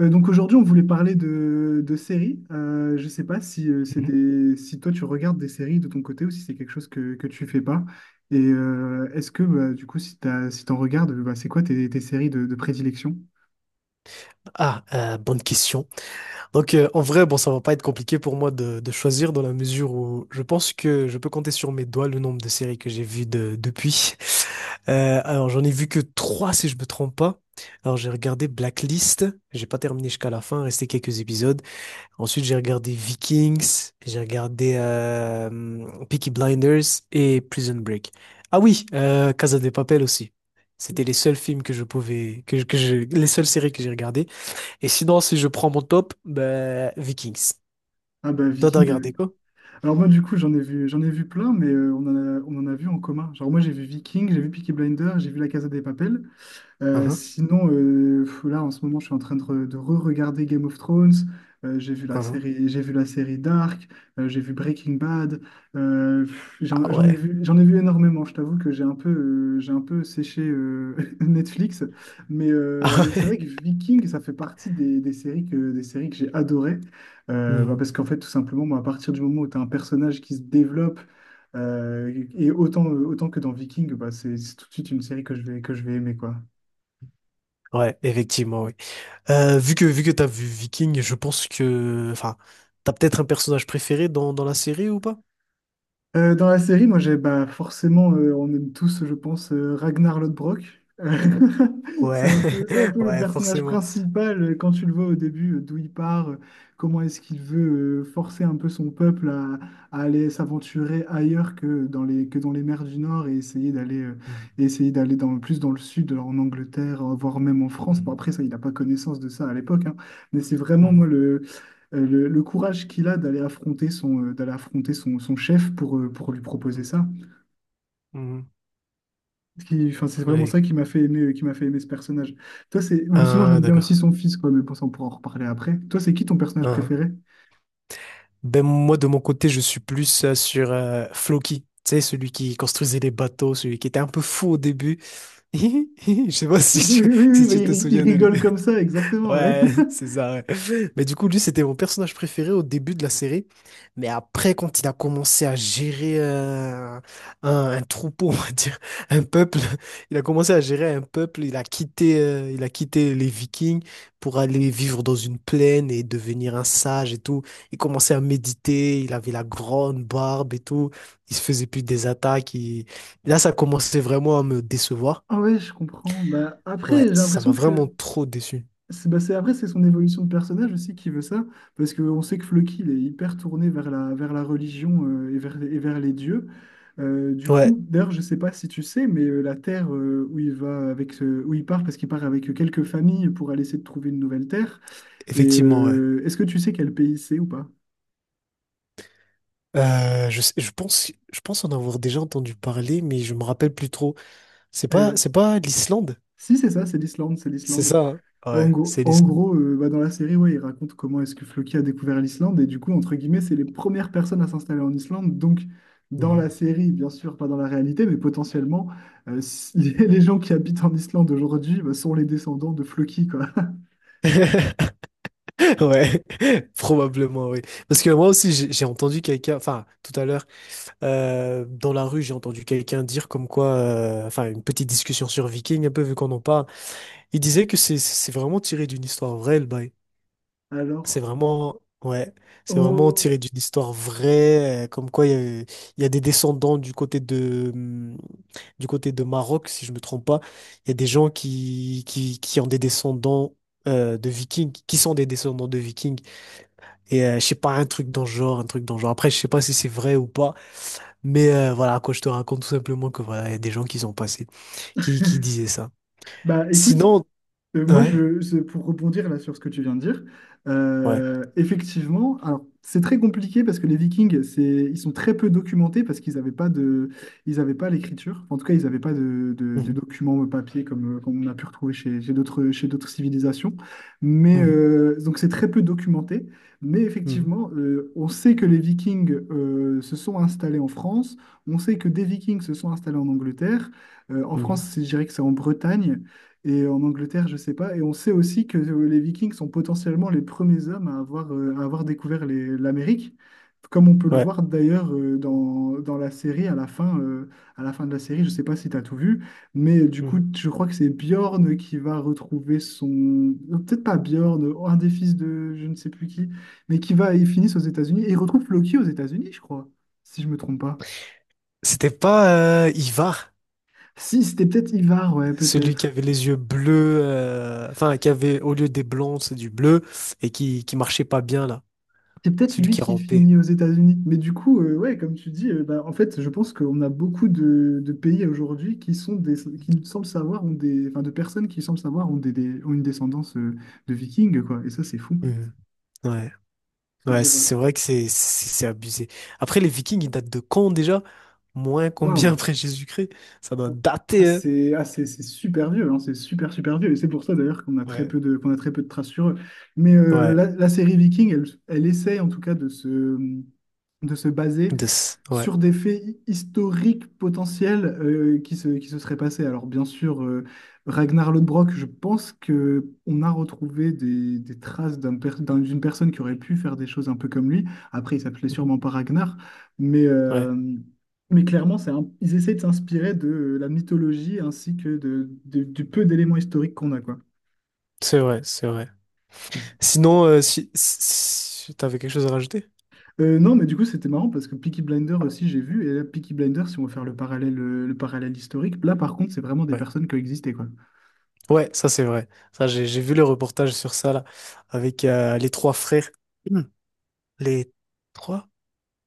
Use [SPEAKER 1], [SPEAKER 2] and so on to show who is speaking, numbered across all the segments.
[SPEAKER 1] Donc aujourd'hui, on voulait parler de séries. Je ne sais pas
[SPEAKER 2] Mhm.
[SPEAKER 1] si toi tu regardes des séries de ton côté ou si c'est quelque chose que tu fais pas. Et est-ce que bah, du coup, si t'en regardes, bah, c'est quoi tes séries de prédilection?
[SPEAKER 2] Bonne question. En vrai, bon, ça va pas être compliqué pour moi de choisir dans la mesure où je pense que je peux compter sur mes doigts le nombre de séries que j'ai vues depuis. Alors, j'en ai vu que trois, si je me trompe pas. Alors, j'ai regardé Blacklist, j'ai pas terminé jusqu'à la fin, restait quelques épisodes. Ensuite, j'ai regardé Vikings, j'ai regardé Peaky Blinders et Prison Break. Oui, Casa de Papel aussi. C'était les seuls films que je pouvais, les seules séries que j'ai regardées. Et sinon, si je prends mon top, ben, Vikings.
[SPEAKER 1] Ah bah
[SPEAKER 2] Toi, t'as
[SPEAKER 1] Viking.
[SPEAKER 2] regardé quoi?
[SPEAKER 1] Alors moi du coup, j'en ai vu plein, mais on en a vu en commun. Genre moi j'ai vu Viking, j'ai vu Peaky Blinders, j'ai vu La Casa de Papel.
[SPEAKER 2] Uhum,
[SPEAKER 1] Sinon, là en ce moment, je suis en train de re-regarder Game of Thrones. Euh, j'ai vu la
[SPEAKER 2] uhum.
[SPEAKER 1] série, j'ai vu la série Dark. J'ai vu Breaking Bad. Pff, j'en,
[SPEAKER 2] Ah ouais.
[SPEAKER 1] j'en ai vu énormément. Je t'avoue que j'ai un peu séché Netflix,
[SPEAKER 2] Ah
[SPEAKER 1] mais c'est
[SPEAKER 2] ouais.
[SPEAKER 1] vrai que Viking, ça fait partie des séries que j'ai adorées. Bah,
[SPEAKER 2] Mhm.
[SPEAKER 1] parce qu'en fait, tout simplement, moi, à partir du moment où tu as un personnage qui se développe et autant que dans Viking, bah, c'est tout de suite une série que que je vais aimer, quoi.
[SPEAKER 2] Ouais, effectivement, oui. Vu que t'as vu Viking, je pense que, enfin, t'as peut-être un personnage préféré dans la série ou pas?
[SPEAKER 1] Dans la série, moi, j'ai bah, forcément, on aime tous, je pense, Ragnar Lodbrok. C'est
[SPEAKER 2] Ouais,
[SPEAKER 1] un peu, c'est un peu le
[SPEAKER 2] ouais,
[SPEAKER 1] personnage
[SPEAKER 2] forcément.
[SPEAKER 1] principal, quand tu le vois au début, d'où il part, comment est-ce qu'il veut forcer un peu son peuple à aller s'aventurer ailleurs que que dans les mers du Nord
[SPEAKER 2] Mhm,
[SPEAKER 1] et essayer d'aller plus dans le sud, en Angleterre, voire même en France. Bon,
[SPEAKER 2] mhm,
[SPEAKER 1] après, ça, il n'a pas connaissance de ça à l'époque, hein. Mais c'est vraiment moi,
[SPEAKER 2] mhm,
[SPEAKER 1] le courage qu'il a d'aller affronter son chef, pour lui proposer
[SPEAKER 2] mhm,
[SPEAKER 1] ça.
[SPEAKER 2] mhm.
[SPEAKER 1] Enfin, c'est vraiment
[SPEAKER 2] Oui.
[SPEAKER 1] ça qui m'a fait aimer ce personnage. Ou sinon,
[SPEAKER 2] Ah,
[SPEAKER 1] j'aime bien aussi
[SPEAKER 2] d'accord.
[SPEAKER 1] son fils, quoi, mais bon, ça, on pourra en reparler après. Toi, c'est qui ton personnage
[SPEAKER 2] Ah.
[SPEAKER 1] préféré?
[SPEAKER 2] Ben, moi, de mon côté, je suis plus sur Floki. Tu sais, celui qui construisait les bateaux, celui qui était un peu fou au début. Je sais pas
[SPEAKER 1] Oui, oui, oui,
[SPEAKER 2] si
[SPEAKER 1] bah,
[SPEAKER 2] tu te
[SPEAKER 1] il
[SPEAKER 2] souviens de lui.
[SPEAKER 1] rigole comme ça, exactement, ouais.
[SPEAKER 2] Ouais, c'est ça, ouais. Mais du coup, lui, c'était mon personnage préféré au début de la série. Mais après, quand il a commencé à gérer un troupeau, on va dire, un peuple, il a commencé à gérer un peuple. Il a quitté les Vikings pour aller vivre dans une plaine et devenir un sage et tout. Il commençait à méditer, il avait la grande barbe et tout. Il se faisait plus des attaques. Là, ça commençait vraiment à me décevoir.
[SPEAKER 1] Ah ouais, je comprends. Bah, après,
[SPEAKER 2] Ouais,
[SPEAKER 1] j'ai
[SPEAKER 2] ça m'a
[SPEAKER 1] l'impression
[SPEAKER 2] vraiment
[SPEAKER 1] que
[SPEAKER 2] trop déçu.
[SPEAKER 1] Après, c'est son évolution de personnage aussi qui veut ça, parce qu'on sait que Floki, il est hyper tourné vers vers la religion, et et vers les dieux. Du coup,
[SPEAKER 2] Ouais,
[SPEAKER 1] d'ailleurs, je sais pas si tu sais, mais la terre, où il part, parce qu'il part avec quelques familles pour aller essayer de trouver une nouvelle terre. Et
[SPEAKER 2] effectivement, ouais.
[SPEAKER 1] est-ce que tu sais quel pays c'est ou pas?
[SPEAKER 2] Je pense, je pense en avoir déjà entendu parler, mais je me rappelle plus trop.
[SPEAKER 1] Euh,
[SPEAKER 2] C'est pas l'Islande?
[SPEAKER 1] Si, c'est ça, c'est l'Islande, c'est
[SPEAKER 2] C'est
[SPEAKER 1] l'Islande.
[SPEAKER 2] ça, hein.
[SPEAKER 1] En
[SPEAKER 2] Ouais,
[SPEAKER 1] gros,
[SPEAKER 2] c'est
[SPEAKER 1] en
[SPEAKER 2] l'Islande.
[SPEAKER 1] gros, euh, bah, dans la série, ouais, il raconte comment est-ce que Floki a découvert l'Islande. Et du coup, entre guillemets, c'est les premières personnes à s'installer en Islande. Donc, dans la
[SPEAKER 2] Mhm.
[SPEAKER 1] série, bien sûr, pas dans la réalité, mais potentiellement, euh, si- les gens qui habitent en Islande aujourd'hui, bah, sont les descendants de Floki, quoi.
[SPEAKER 2] Ouais, probablement, oui. Parce que moi aussi, j'ai entendu quelqu'un, enfin, tout à l'heure, dans la rue, j'ai entendu quelqu'un dire comme quoi, enfin, une petite discussion sur Viking, un peu vu qu'on en parle. Il disait que c'est vraiment tiré d'une histoire vraie, le bail. C'est
[SPEAKER 1] Alors,
[SPEAKER 2] vraiment, ouais, c'est vraiment
[SPEAKER 1] oh,
[SPEAKER 2] tiré d'une histoire vraie, comme quoi il y a, il y a des descendants du côté de Maroc, si je me trompe pas. Il y a des gens qui ont des descendants de Vikings, qui sont des descendants de Vikings. Je sais pas, un truc dans le genre, un truc dans le genre. Après, je sais pas si c'est vrai ou pas, mais voilà, quoi, je te raconte tout simplement que voilà, il y a des gens qui sont passés, qui disaient ça.
[SPEAKER 1] bah écoute,
[SPEAKER 2] Sinon,
[SPEAKER 1] Moi,
[SPEAKER 2] ouais,
[SPEAKER 1] pour rebondir là sur ce que tu viens de dire,
[SPEAKER 2] ouais.
[SPEAKER 1] effectivement, alors, c'est très compliqué parce que les Vikings, ils sont très peu documentés parce qu'ils avaient pas l'écriture. En tout cas, ils n'avaient pas de
[SPEAKER 2] Mhm,
[SPEAKER 1] documents, papier, comme on a pu retrouver chez d'autres civilisations. Mais
[SPEAKER 2] mhm,
[SPEAKER 1] donc, c'est très peu documenté. Mais
[SPEAKER 2] mhm,
[SPEAKER 1] effectivement, on sait que les Vikings, se sont installés en France. On sait que des Vikings se sont installés en Angleterre. En France,
[SPEAKER 2] mhm,
[SPEAKER 1] je dirais que c'est en Bretagne. Et en Angleterre, je sais pas. Et on sait aussi que les Vikings sont potentiellement les premiers hommes à avoir découvert l'Amérique, comme on peut le
[SPEAKER 2] ouais.
[SPEAKER 1] voir d'ailleurs, dans la série à la fin de la série. Je sais pas si tu as tout vu, mais du coup,
[SPEAKER 2] Mhm.
[SPEAKER 1] je crois que c'est Bjorn qui va retrouver son... Non, peut-être pas Bjorn, un des fils de je ne sais plus qui, ils finissent aux États-Unis. Et ils retrouvent Loki aux États-Unis, je crois, si je me trompe pas.
[SPEAKER 2] C'était pas Ivar,
[SPEAKER 1] Si, c'était peut-être Ivar, ouais,
[SPEAKER 2] celui qui
[SPEAKER 1] peut-être.
[SPEAKER 2] avait les yeux bleus, enfin qui avait au lieu des blonds, c'est du bleu et qui marchait pas bien là,
[SPEAKER 1] C'est peut-être
[SPEAKER 2] celui
[SPEAKER 1] lui
[SPEAKER 2] qui
[SPEAKER 1] qui
[SPEAKER 2] rampait.
[SPEAKER 1] finit aux États-Unis. Mais du coup, ouais, comme tu dis, bah, en fait, je pense qu'on a beaucoup de pays aujourd'hui qui nous semblent savoir ont des, enfin, de personnes qui semblent savoir ont des, ont une descendance, de Vikings, quoi. Et ça, c'est fou.
[SPEAKER 2] Mhm. Ouais,
[SPEAKER 1] Se
[SPEAKER 2] ouais,
[SPEAKER 1] dire,
[SPEAKER 2] c'est
[SPEAKER 1] euh,
[SPEAKER 2] vrai que c'est abusé. Après les Vikings, ils datent de quand déjà? Moins
[SPEAKER 1] waouh,
[SPEAKER 2] combien après Jésus-Christ? Ça doit dater, hein.
[SPEAKER 1] c'est super vieux, hein, c'est super super vieux. Et c'est pour ça d'ailleurs
[SPEAKER 2] Ouais,
[SPEAKER 1] qu'on a très peu de traces sur eux. Mais
[SPEAKER 2] ouais,
[SPEAKER 1] la série Viking, elle essaie en tout cas de se baser
[SPEAKER 2] ouais.
[SPEAKER 1] sur des faits historiques potentiels, qui se seraient passés. Alors bien sûr, Ragnar Lodbrok, je pense que on a retrouvé des traces d'une personne qui aurait pu faire des choses un peu comme lui. Après, il s'appelait
[SPEAKER 2] Mhm.
[SPEAKER 1] sûrement pas Ragnar, mais,
[SPEAKER 2] Ouais.
[SPEAKER 1] euh, mais clairement, ils essaient de s'inspirer de la mythologie ainsi que du peu d'éléments historiques qu'on a, quoi.
[SPEAKER 2] C'est vrai, c'est vrai. Sinon, si t'avais quelque chose à rajouter?
[SPEAKER 1] Non, mais du coup, c'était marrant parce que Peaky Blinders aussi, j'ai vu. Et là, Peaky Blinders, si on veut faire le parallèle historique, là, par contre, c'est vraiment des
[SPEAKER 2] Ouais.
[SPEAKER 1] personnes qui ont existé, quoi.
[SPEAKER 2] Ouais, ça c'est vrai. Ça, j'ai vu le reportage sur ça là, avec les trois frères. Hmm. Les trois?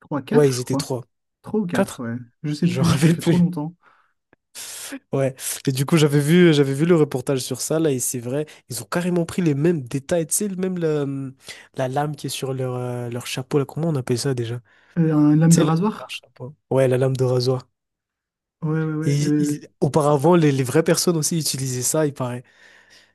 [SPEAKER 1] Trois
[SPEAKER 2] Ouais,
[SPEAKER 1] 4 je
[SPEAKER 2] ils étaient
[SPEAKER 1] crois.
[SPEAKER 2] trois.
[SPEAKER 1] Trois ou 4
[SPEAKER 2] Quatre?
[SPEAKER 1] ouais. Je sais
[SPEAKER 2] Je me
[SPEAKER 1] plus, ça
[SPEAKER 2] rappelle
[SPEAKER 1] fait trop
[SPEAKER 2] plus.
[SPEAKER 1] longtemps.
[SPEAKER 2] Ouais. Et du coup, j'avais vu le reportage sur ça là, et c'est vrai, ils ont carrément pris les mêmes détails, tu sais, la lame qui est sur leur, leur chapeau là. Comment on appelle ça déjà?
[SPEAKER 1] Une lame
[SPEAKER 2] Tu
[SPEAKER 1] de
[SPEAKER 2] sais, le- Leur
[SPEAKER 1] rasoir?
[SPEAKER 2] chapeau. Ouais, la lame de rasoir.
[SPEAKER 1] Ouais, ouais, ouais.
[SPEAKER 2] Auparavant, les vraies personnes aussi utilisaient ça, il paraît.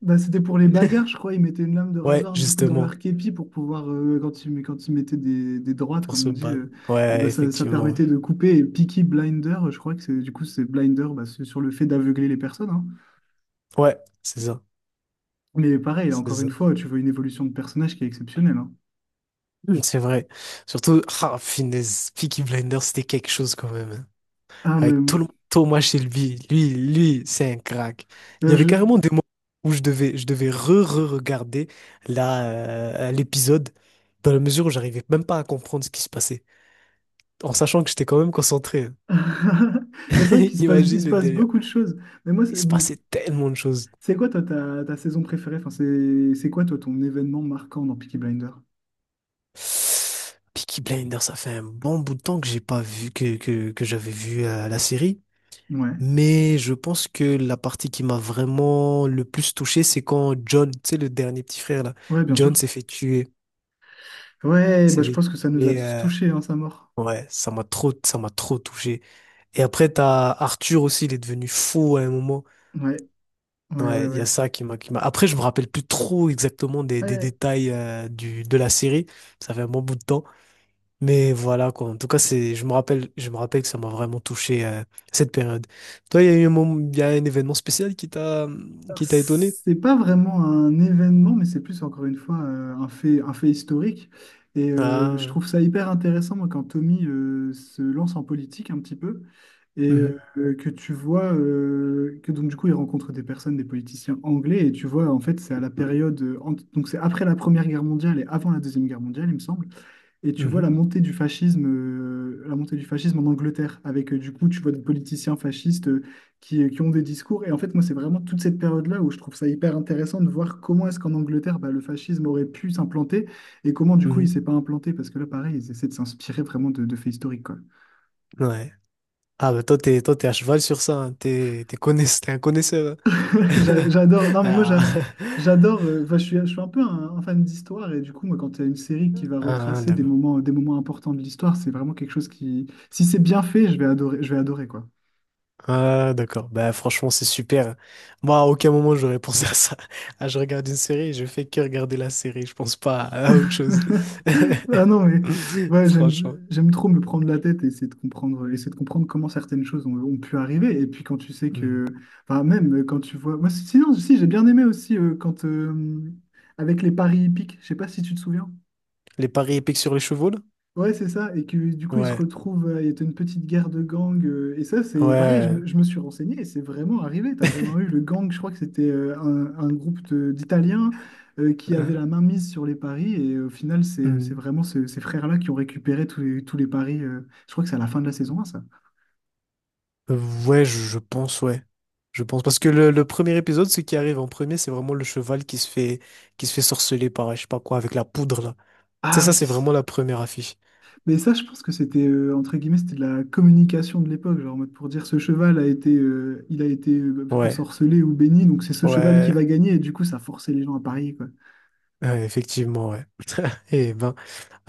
[SPEAKER 1] Bah, c'était pour les bagarres, je crois. Ils mettaient une lame de
[SPEAKER 2] Ouais,
[SPEAKER 1] rasoir, du coup, dans
[SPEAKER 2] justement,
[SPEAKER 1] leur képi, quand quand ils mettaient des droites,
[SPEAKER 2] pour
[SPEAKER 1] comme
[SPEAKER 2] se
[SPEAKER 1] on dit,
[SPEAKER 2] battre.
[SPEAKER 1] et ben
[SPEAKER 2] Ouais,
[SPEAKER 1] ça
[SPEAKER 2] effectivement. Ouais.
[SPEAKER 1] permettait de couper. Et Peaky Blinder, je crois que c'est, du coup, c'est Blinder, bah, c'est sur le fait d'aveugler les personnes, hein.
[SPEAKER 2] Ouais, c'est ça.
[SPEAKER 1] Mais pareil,
[SPEAKER 2] C'est
[SPEAKER 1] encore une
[SPEAKER 2] ça.
[SPEAKER 1] fois, tu vois une évolution de personnage qui est exceptionnelle, hein.
[SPEAKER 2] Mm, c'est vrai. Surtout, ah, finesse, Peaky Blinders, c'était quelque chose quand même, hein.
[SPEAKER 1] Ah, mais
[SPEAKER 2] Avec tout le Thomas Shelby, lui, c'est un crack. Il y
[SPEAKER 1] euh,
[SPEAKER 2] avait
[SPEAKER 1] je...
[SPEAKER 2] carrément des moments où je devais re-re-regarder la, l'épisode dans la mesure où j'arrivais même pas à comprendre ce qui se passait, en sachant que j'étais quand même concentré, hein.
[SPEAKER 1] C'est vrai qu'il
[SPEAKER 2] Imagine
[SPEAKER 1] se
[SPEAKER 2] le
[SPEAKER 1] passe
[SPEAKER 2] délire.
[SPEAKER 1] beaucoup de choses. Mais moi,
[SPEAKER 2] Il se passait tellement de choses.
[SPEAKER 1] c'est quoi, toi, ta saison préférée? Enfin, c'est quoi, toi, ton événement marquant dans Peaky Blinder.
[SPEAKER 2] Peaky Blinders, ça fait un bon bout de temps que j'ai pas vu que j'avais vu la série.
[SPEAKER 1] Ouais,
[SPEAKER 2] Mais je pense que la partie qui m'a vraiment le plus touché, c'est quand John, tu sais, le dernier petit frère là,
[SPEAKER 1] ouais, bien sûr.
[SPEAKER 2] John s'est fait tuer.
[SPEAKER 1] Ouais, bah,
[SPEAKER 2] S'est
[SPEAKER 1] je
[SPEAKER 2] fait
[SPEAKER 1] pense que ça nous a
[SPEAKER 2] tuer.
[SPEAKER 1] tous touchés, hein, sa mort.
[SPEAKER 2] Ouais, ça m'a trop touché. Et après, t'as Arthur aussi, il est devenu fou à un moment.
[SPEAKER 1] Ouais, ouais,
[SPEAKER 2] Ouais,
[SPEAKER 1] ouais,
[SPEAKER 2] il y a
[SPEAKER 1] ouais.
[SPEAKER 2] ça qui m'a, qui m'a. Après, je me rappelle plus trop exactement des
[SPEAKER 1] Ouais,
[SPEAKER 2] détails euh, de la série. Ça fait un bon bout de temps. Mais voilà, quoi. En tout cas, c'est, je me rappelle que ça m'a vraiment touché cette période. Toi, il y a eu un moment, il y a un événement spécial qui t'a étonné?
[SPEAKER 1] c'est pas vraiment un événement, mais c'est plus encore une fois, un fait historique. Et je
[SPEAKER 2] Ah,
[SPEAKER 1] trouve ça hyper intéressant, moi, quand Tommy, se lance en politique un petit peu, et
[SPEAKER 2] mhm,
[SPEAKER 1] que tu vois que donc du coup il rencontre des personnes, des politiciens anglais, et tu vois en fait c'est à la donc c'est après la Première Guerre mondiale et avant la Deuxième Guerre mondiale, il me semble. Et tu vois
[SPEAKER 2] mhm,
[SPEAKER 1] la montée du fascisme en Angleterre, avec du coup, tu vois des politiciens fascistes, qui ont des discours. Et en fait, moi, c'est vraiment toute cette période-là où je trouve ça hyper intéressant de voir comment est-ce qu'en Angleterre, bah, le fascisme aurait pu s'implanter et comment, du coup, il
[SPEAKER 2] mhm,
[SPEAKER 1] s'est pas implanté. Parce que là, pareil, ils essaient de s'inspirer vraiment de faits historiques, quoi.
[SPEAKER 2] ouais. Ah, bah toi, toi, t'es à cheval sur ça, hein. T'es un connaisseur,
[SPEAKER 1] J'adore.
[SPEAKER 2] hein.
[SPEAKER 1] Non, mais moi,
[SPEAKER 2] Ah,
[SPEAKER 1] j'adore. Enfin, je suis un peu un fan d'histoire. Et du coup, moi, quand tu as une série qui va
[SPEAKER 2] ah,
[SPEAKER 1] retracer
[SPEAKER 2] d'accord.
[SPEAKER 1] des moments importants de l'histoire, c'est vraiment quelque chose qui, si c'est bien fait, je vais adorer, quoi.
[SPEAKER 2] Ah, d'accord. Bah, franchement, c'est super, hein. Moi, à aucun moment, j'aurais pensé à ça. Ah, je regarde une série, je fais que regarder la série. Je pense pas à autre chose.
[SPEAKER 1] Ah non, mais ouais,
[SPEAKER 2] Franchement.
[SPEAKER 1] j'aime trop me prendre la tête et essayer de comprendre comment certaines choses ont pu arriver. Et puis quand tu sais
[SPEAKER 2] Hmm.
[SPEAKER 1] que, enfin, même, moi, sinon, si, j'ai bien aimé aussi, avec les paris hippiques, je sais pas si tu te souviens.
[SPEAKER 2] Les paris épiques sur les chevaux, là?
[SPEAKER 1] Ouais, c'est ça. Et que du coup,
[SPEAKER 2] Ouais.
[SPEAKER 1] il y a une petite guerre de gangs. Et ça, c'est pareil,
[SPEAKER 2] Ouais.
[SPEAKER 1] je me suis renseigné et c'est vraiment arrivé. Tu as vraiment eu le gang, je crois que c'était, un d'Italiens, qui avait
[SPEAKER 2] Hein.
[SPEAKER 1] la main mise sur les paris. Et au final, c'est
[SPEAKER 2] Hmm.
[SPEAKER 1] vraiment ces frères-là qui ont récupéré tous les paris. Je crois que c'est à la fin de la saison 1, ça.
[SPEAKER 2] Ouais, je pense, ouais. Je pense. Parce que le premier épisode, ce qui arrive en premier, c'est vraiment le cheval qui se fait sorceler par, je sais pas quoi, avec la poudre, là. Tu sais,
[SPEAKER 1] Ah
[SPEAKER 2] ça,
[SPEAKER 1] oui.
[SPEAKER 2] c'est vraiment la première affiche.
[SPEAKER 1] Mais ça, je pense que entre guillemets, c'était de la communication de l'époque, genre en mode pour dire ce cheval a été, il a été,
[SPEAKER 2] Ouais,
[SPEAKER 1] ensorcelé ou béni, donc c'est ce cheval qui
[SPEAKER 2] ouais,
[SPEAKER 1] va gagner. Et du coup, ça forçait les gens à parier, quoi.
[SPEAKER 2] ouais, effectivement, ouais. Eh ben,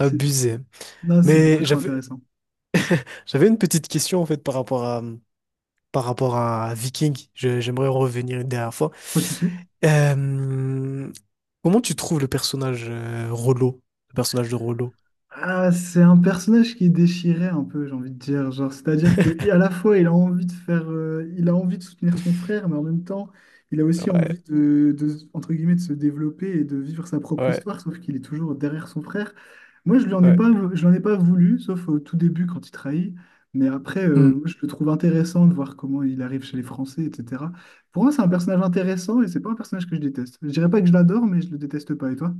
[SPEAKER 1] C'est- Non, c'est beaucoup
[SPEAKER 2] Mais
[SPEAKER 1] trop intéressant.
[SPEAKER 2] j'avais une petite question, en fait, par rapport à Viking. J'aimerais en revenir une dernière fois.
[SPEAKER 1] Pas de souci.
[SPEAKER 2] Euh, Comment tu trouves le personnage le personnage de Rollo?
[SPEAKER 1] Ah, c'est un personnage qui est déchiré un peu, j'ai envie de dire. Genre, c'est-à-dire que à la fois, il a envie de soutenir son frère, mais en même temps, il a aussi
[SPEAKER 2] Ouais,
[SPEAKER 1] envie entre guillemets, de se développer et de vivre sa propre
[SPEAKER 2] ouais,
[SPEAKER 1] histoire, sauf qu'il est toujours derrière son frère. Moi,
[SPEAKER 2] ouais.
[SPEAKER 1] je l'en ai pas voulu, sauf au tout début quand il trahit. Mais après, moi, je le trouve intéressant de voir comment il arrive chez les Français, etc. Pour moi, c'est un personnage intéressant et c'est pas un personnage que je déteste. Je dirais pas que je l'adore, mais je le déteste pas. Et toi?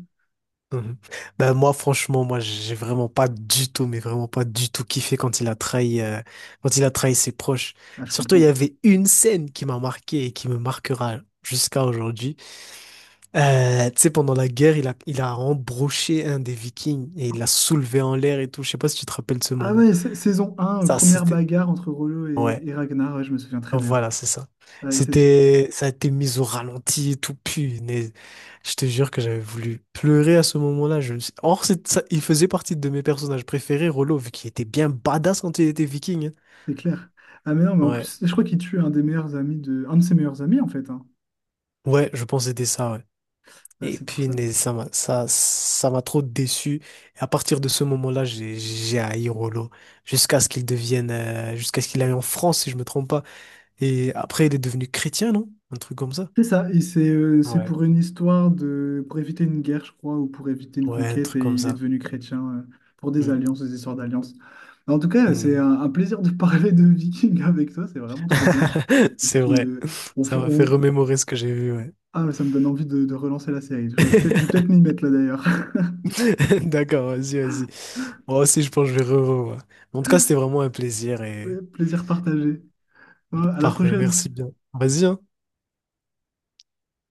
[SPEAKER 2] Mhm. Ben moi franchement moi j'ai vraiment pas du tout mais vraiment pas du tout kiffé quand il a trahi quand il a trahi ses proches.
[SPEAKER 1] Ah, je
[SPEAKER 2] Surtout il y
[SPEAKER 1] comprends.
[SPEAKER 2] avait une scène qui m'a marqué et qui me marquera jusqu'à aujourd'hui. Tu sais, pendant la guerre il a embroché un des Vikings et il l'a soulevé en l'air et tout. Je sais pas si tu te rappelles de ce
[SPEAKER 1] Ah
[SPEAKER 2] moment.
[SPEAKER 1] ouais, saison 1,
[SPEAKER 2] Ça
[SPEAKER 1] première
[SPEAKER 2] c'était,
[SPEAKER 1] bagarre entre Rollo
[SPEAKER 2] ouais.
[SPEAKER 1] et Ragnar, ouais, je me souviens très bien.
[SPEAKER 2] Voilà, c'est ça.
[SPEAKER 1] Ouais,
[SPEAKER 2] C'était, ça a été mis au ralenti et tout, punaise. Je te jure que j'avais voulu pleurer à ce moment-là. Je me suis... Or, c'est ça, il faisait partie de mes personnages préférés, Rollo, vu qu'il était bien badass quand il était viking, hein.
[SPEAKER 1] c'est clair. Ah mais non, mais en
[SPEAKER 2] Ouais,
[SPEAKER 1] plus, je crois qu'il tue un de ses meilleurs amis en fait, hein.
[SPEAKER 2] ouais, je pense que c'était ça, ouais.
[SPEAKER 1] Ah,
[SPEAKER 2] Et
[SPEAKER 1] c'est pour ça.
[SPEAKER 2] punaise, ça m'a, ça m'a trop déçu. Et à partir de ce moment-là, j'ai haï Rollo. Jusqu'à ce qu'il aille en France, si je me trompe pas. Et après, il est devenu chrétien, non? Un truc comme ça.
[SPEAKER 1] C'est ça, et c'est
[SPEAKER 2] Ouais,
[SPEAKER 1] pour éviter une guerre, je crois, ou pour éviter une
[SPEAKER 2] ouais, un
[SPEAKER 1] conquête,
[SPEAKER 2] truc
[SPEAKER 1] et
[SPEAKER 2] comme
[SPEAKER 1] il est
[SPEAKER 2] ça.
[SPEAKER 1] devenu chrétien, pour des alliances, des histoires d'alliances. Mais en tout cas, c'est
[SPEAKER 2] Hmm.
[SPEAKER 1] un plaisir de parler de Viking avec toi, c'est vraiment trop bien. Et
[SPEAKER 2] C'est
[SPEAKER 1] puis,
[SPEAKER 2] vrai. Ça m'a fait
[SPEAKER 1] on...
[SPEAKER 2] remémorer ce que j'ai vu, ouais.
[SPEAKER 1] Ah, ça me donne envie de relancer la série. Je vais peut-être m'y mettre là d'ailleurs.
[SPEAKER 2] D'accord, vas-y, vas-y. Moi aussi, je pense que je vais revoir. En tout cas, c'était vraiment un plaisir et
[SPEAKER 1] Ouais, plaisir partagé. Ouais, à la
[SPEAKER 2] parfait. Merci
[SPEAKER 1] prochaine.
[SPEAKER 2] bien. Vas-y, hein.